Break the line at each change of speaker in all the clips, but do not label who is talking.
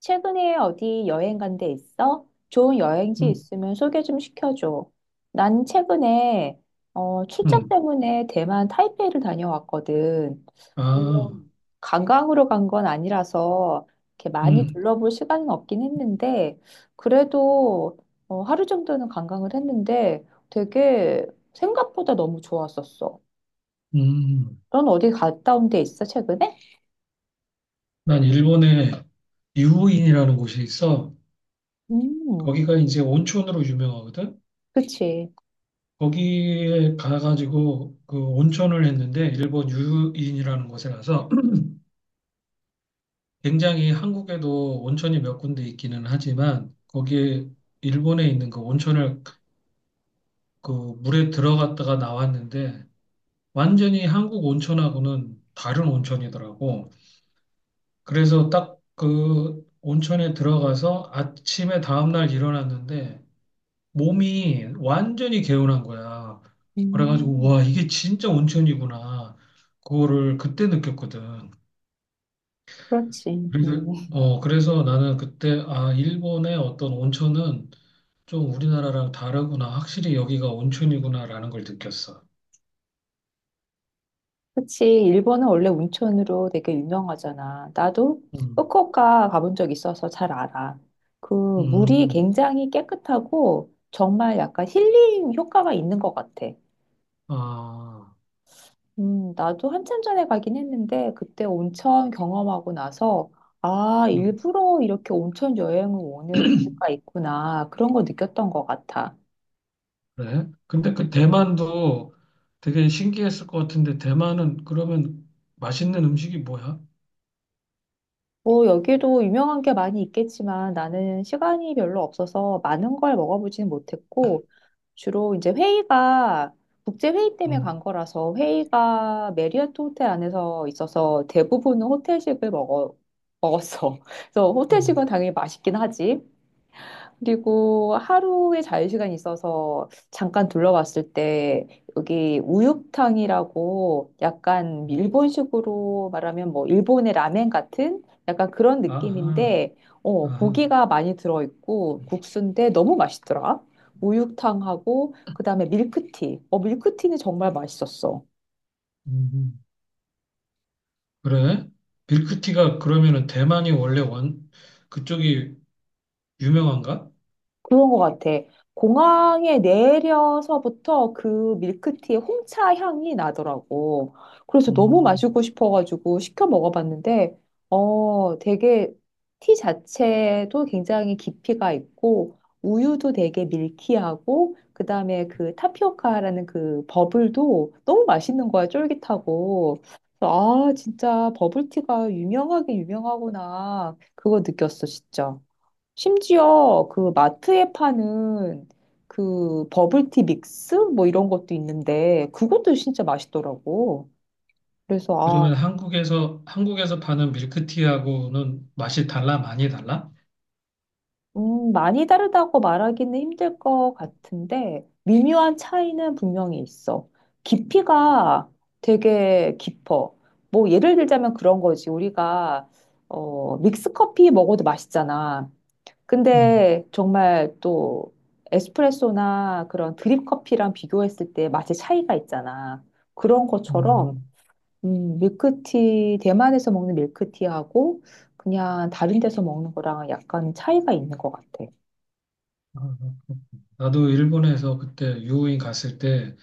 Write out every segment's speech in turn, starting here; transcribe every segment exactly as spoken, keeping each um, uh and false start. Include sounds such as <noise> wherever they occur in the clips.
최근에 어디 여행 간 데 있어? 좋은 여행지
음,
있으면 소개 좀 시켜줘. 난 최근에 어, 출장
음,
때문에 대만 타이페이를 다녀왔거든.
아,
물론 관광으로 간 건 아니라서 이렇게 많이
음,
둘러볼 시간은 없긴 했는데 그래도 어, 하루 정도는 관광을 했는데 되게 생각보다 너무 좋았었어.
음.
넌 어디 갔다 온 데 있어, 최근에?
난 일본에 유인이라는 곳이 있어.
음,
거기가 이제 온천으로 유명하거든.
그치.
거기에 가가지고 그 온천을 했는데 일본 유인이라는 곳에 가서 <clears throat> 굉장히 한국에도 온천이 몇 군데 있기는 하지만 거기에 일본에 있는 그 온천을 그 물에 들어갔다가 나왔는데 완전히 한국 온천하고는 다른 온천이더라고. 그래서 딱 그 온천에 들어가서 아침에 다음날 일어났는데 몸이 완전히 개운한 거야. 그래가지고
음,
와 이게 진짜 온천이구나. 그거를 그때 느꼈거든.
그렇지.
그래서
음.
어 그래서 나는 그때 아 일본의 어떤 온천은 좀 우리나라랑 다르구나. 확실히 여기가 온천이구나라는 걸 느꼈어.
그치. 일본은 원래 온천으로 되게 유명하잖아. 나도
음,
후쿠오카 가본 적 있어서 잘 알아. 그 물이
음,
굉장히 깨끗하고 정말 약간 힐링 효과가 있는 것 같아.
아,
음, 나도 한참 전에 가긴 했는데 그때 온천 경험하고 나서 아,
음.
일부러 이렇게 온천 여행을 오는 이유가 있구나. 그런 거 느꼈던 것 같아.
그래? 근데 그 대만도 되게 신기했을 것 같은데 대만은 그러면 맛있는 음식이 뭐야?
뭐, 여기도 유명한 게 많이 있겠지만 나는 시간이 별로 없어서 많은 걸 먹어보지는 못했고 주로 이제 회의가 국제회의 때문에
응,
간 거라서 회의가 메리어트 호텔 안에서 있어서 대부분은 호텔식을 먹어, 먹었어. <laughs> 그래서
응.
호텔식은 당연히 맛있긴 하지. 그리고 하루에 자유시간이 있어서 잠깐 둘러봤을 때 여기 우육탕이라고 약간 일본식으로 말하면 뭐 일본의 라멘 같은 약간 그런
아하,
느낌인데 어,
아하.
고기가 많이 들어있고 국수인데 너무 맛있더라. 우육탕하고 그다음에 밀크티. 어, 밀크티는 정말 맛있었어.
음. 그래? 밀크티가 그러면은 대만이 원래 원 그쪽이 유명한가?
그런 것 같아. 공항에 내려서부터 그 밀크티의 홍차 향이 나더라고. 그래서 너무
음.
마시고 싶어가지고 시켜 먹어봤는데, 어, 되게 티 자체도 굉장히 깊이가 있고, 우유도 되게 밀키하고, 그 다음에 그 타피오카라는 그 버블도 너무 맛있는 거야, 쫄깃하고. 그래서 아, 진짜 버블티가 유명하게 유명하구나. 그거 느꼈어, 진짜. 심지어 그 마트에 파는 그 버블티 믹스 뭐 이런 것도 있는데 그것도 진짜 맛있더라고. 그래서 아,
그러면 한국에서 한국에서 파는 밀크티하고는 맛이 달라? 많이 달라?
음, 많이 다르다고 말하기는 힘들 것 같은데 미묘한 차이는 분명히 있어. 깊이가 되게 깊어. 뭐 예를 들자면 그런 거지. 우리가 어, 믹스 커피 먹어도 맛있잖아.
응,
근데 정말 또 에스프레소나 그런 드립 커피랑 비교했을 때 맛의 차이가 있잖아. 그런
음.
것처럼
음.
음, 밀크티 대만에서 먹는 밀크티하고 그냥 다른 데서 먹는 거랑 약간 차이가 있는 것 같아.
아, 나도 일본에서 그때 유호인 갔을 때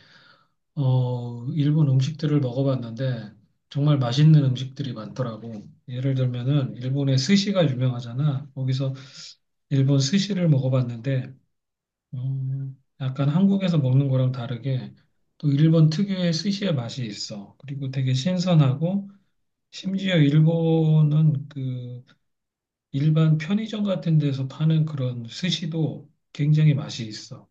어, 일본 음식들을 먹어봤는데 정말 맛있는 음식들이 많더라고. 예를 들면은 일본의 스시가 유명하잖아. 거기서 일본 스시를 먹어봤는데 음, 약간 한국에서 먹는 거랑 다르게 또 일본 특유의 스시의 맛이 있어. 그리고 되게 신선하고 심지어 일본은 그 일반 편의점 같은 데서 파는 그런 스시도 굉장히 맛이 있어.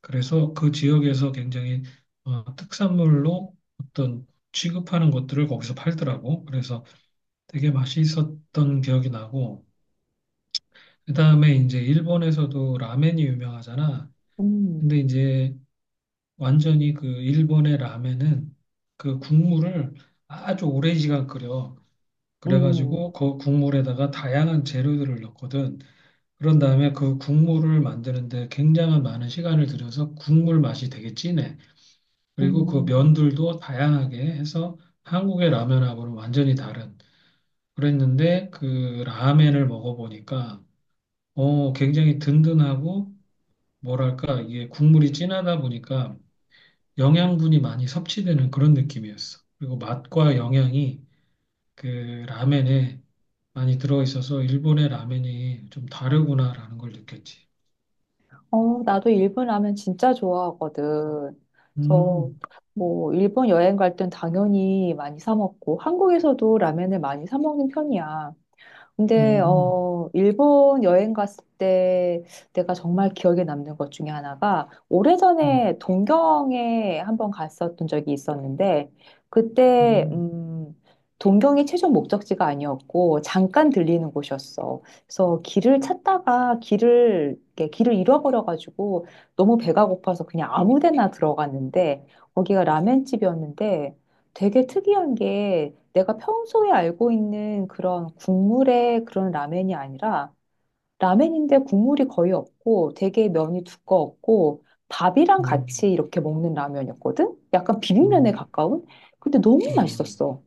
그래서 그 지역에서 굉장히 어, 특산물로 어떤 취급하는 것들을 거기서 팔더라고. 그래서 되게 맛있었던 기억이 나고, 그다음에 이제 일본에서도 라멘이 유명하잖아.
음,
근데 이제 완전히 그 일본의 라멘은 그 국물을 아주 오랜 시간 끓여.
음,
그래가지고 그 국물에다가 다양한 재료들을 넣거든. 그런 다음에 그 국물을 만드는데 굉장한 많은 시간을 들여서 국물 맛이 되게 진해. 그리고 그
음.
면들도 다양하게 해서 한국의 라면하고는 완전히 다른 그랬는데 그 라멘을 먹어보니까 어 굉장히 든든하고 뭐랄까 이게 국물이 진하다 보니까 영양분이 많이 섭취되는 그런 느낌이었어. 그리고 맛과 영양이 그 라멘에 많이 들어있어서 일본의 라멘이 좀 다르구나라는 걸 느꼈지.
어, 나도 일본 라면 진짜 좋아하거든. 그래서
음,
뭐 일본 여행 갈 땐 당연히 많이 사 먹고 한국에서도 라면을 많이 사 먹는 편이야. 근데
음,
어 일본 여행 갔을 때 내가 정말 기억에 남는 것 중에 하나가
음,
오래전에 동경에 한번 갔었던 적이 있었는데 그때
음,
음 동경이 최종 목적지가 아니었고 잠깐 들리는 곳이었어. 그래서 길을 찾다가 길을 이렇게 길을 잃어버려 가지고 너무 배가 고파서 그냥 아무 데나 들어갔는데 거기가 라멘집이었는데 되게 특이한 게 내가 평소에 알고 있는 그런 국물의 그런 라멘이 아니라 라멘인데 국물이 거의 없고 되게 면이 두꺼웠고 밥이랑
음,
같이
음,
이렇게 먹는 라면이었거든? 약간 비빔면에
음,
가까운? 근데 너무
음.
맛있었어.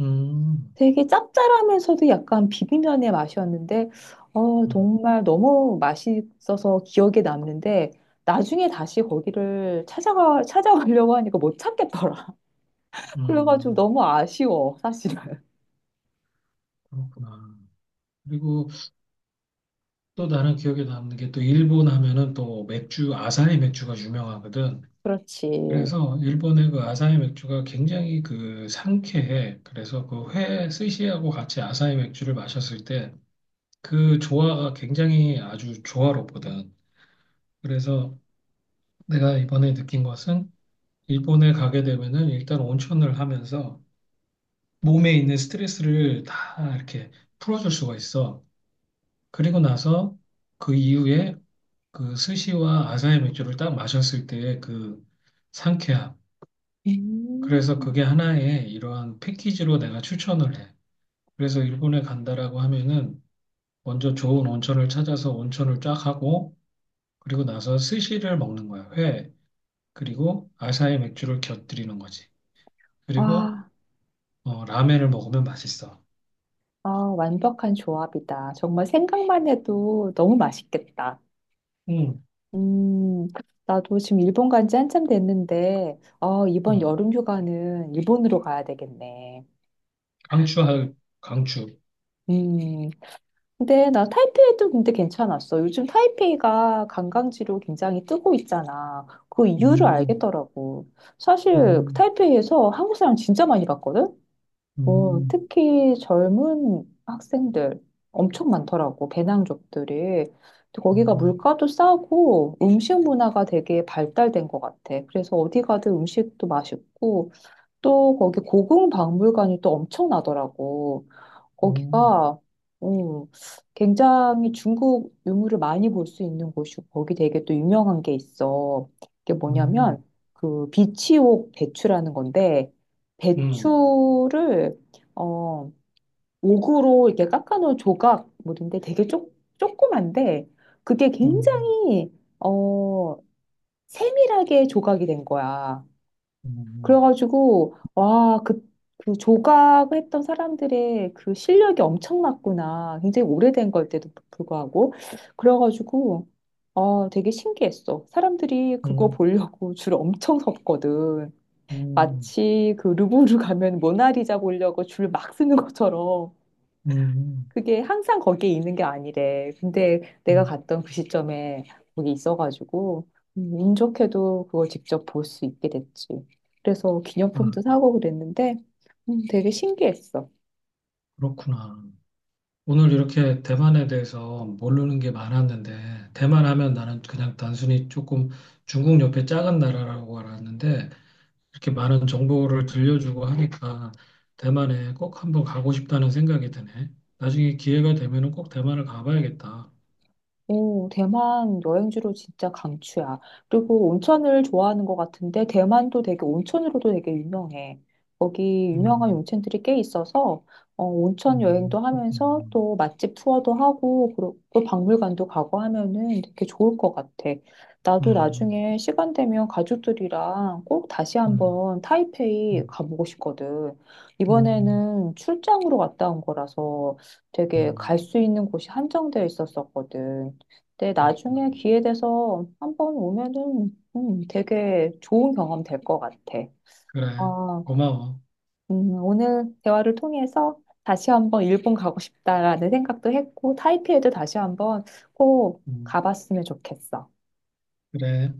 음. 음,
되게 짭짤하면서도 약간 비빔면의 맛이었는데 어,
음.
정말 너무 맛있어서 기억에 남는데 나중에 다시 거기를 찾아가, 찾아가려고 하니까 못 찾겠더라. <laughs> 그래가지고
음,
너무 아쉬워, 사실은.
그렇구나. 그리고 또 나는 기억에 남는 게 또 일본 하면은 또 맥주, 아사히 맥주가 유명하거든.
그렇지. 음.
그래서 일본의 그 아사히 맥주가 굉장히 그 상쾌해. 그래서 그 회 스시하고 같이 아사히 맥주를 마셨을 때 그 조화가 굉장히 아주 조화롭거든. 그래서 내가 이번에 느낀 것은 일본에 가게 되면은 일단 온천을 하면서 몸에 있는 스트레스를 다 이렇게 풀어줄 수가 있어. 그리고 나서 그 이후에 그 스시와 아사히 맥주를 딱 마셨을 때의 그 상쾌함.
음.
그래서 그게 하나의 이러한 패키지로 내가 추천을 해. 그래서 일본에 간다라고 하면은 먼저 좋은 온천을 찾아서 온천을 쫙 하고 그리고 나서 스시를 먹는 거야. 회. 그리고 아사히 맥주를 곁들이는 거지. 그리고
와,
어, 라멘을 먹으면 맛있어.
아, 완벽한 조합이다. 정말 생각만 해도 너무 맛있겠다.
음,
음, 나도 지금 일본 간지 한참 됐는데, 어, 이번
음.
여름 휴가는 일본으로 가야 되겠네.
강추할 강추.
음, 근데 나 타이페이도 근데 괜찮았어. 요즘 타이페이가 관광지로 굉장히 뜨고 있잖아. 그 이유를
음,
알겠더라고. 사실
음,
타이페이에서 한국 사람 진짜 많이 봤거든? 어,
음,
특히 젊은 학생들 엄청 많더라고, 배낭족들이. 근데 거기가
음,
물가도 싸고 음식 문화가 되게 발달된 것 같아. 그래서 어디 가든 음식도 맛있고 또 거기 고궁 박물관이 또 엄청나더라고.
음,
거기가 어, 굉장히 중국 유물을 많이 볼 수 있는 곳이고 거기 되게 또 유명한 게 있어. 그게
음,
뭐냐면 그 비치옥 배추라는 건데
음,
배추를 어 옥으로 이렇게 깎아놓은 조각물인데 되게 쪼, 조그만데 그게
음.
굉장히 어 세밀하게 조각이 된 거야.
음,
그래가지고, 와, 그, 그 조각했던 사람들의 그 실력이 엄청났구나. 굉장히 오래된 걸 때도 불구하고. 그래가지고, 어, 되게 신기했어. 사람들이 그거
음,
보려고 <laughs> 줄 엄청 섰거든.
음,
마치 그 루브르 가면 모나리자 보려고 줄 막 쓰는 것처럼.
음,
그게 항상 거기에 있는 게 아니래. 근데 내가
음.
갔던 그 시점에 거기 있어가지고, 음, 운 좋게도 그걸 직접 볼 수 있게 됐지. 그래서
아,
기념품도 사고 그랬는데, 음, 되게 신기했어.
그렇구나. 오늘 이렇게 대만에 대해서 모르는 게 많았는데, 대만 하면 나는 그냥 단순히 조금 중국 옆에 작은 나라라고 알았는데, 이렇게 많은 정보를 들려주고 하니까 대만에 꼭 한번 가고 싶다는 생각이 드네. 나중에 기회가 되면은 꼭 대만을 가봐야겠다.
오, 대만 여행지로 진짜 강추야. 그리고 온천을 좋아하는 것 같은데, 대만도 되게 온천으로도 되게 유명해. 거기 유명한
음,
온천들이 꽤 있어서, 어, 온천 여행도
음,
하면서
그렇구나.
또 맛집 투어도 하고, 그리고 또 박물관도 가고 하면은 되게 좋을 것 같아. 나도
음,
나중에 시간 되면 가족들이랑 꼭 다시
음,
한번 타이페이
음,
가보고 싶거든.
음,
이번에는 출장으로 갔다 온 거라서 되게 갈
음,
수 있는 곳이 한정되어 있었었거든. 근데
그렇구나.
나중에 기회 돼서 한번 오면은 음, 되게 좋은 경험 될 것 같아.
그래.
아,
고마워.
음, 오늘 대화를 통해서 다시 한번 일본 가고 싶다라는 생각도 했고 타이피에도 다시 한번 꼭
음,
가봤으면 좋겠어.
그래.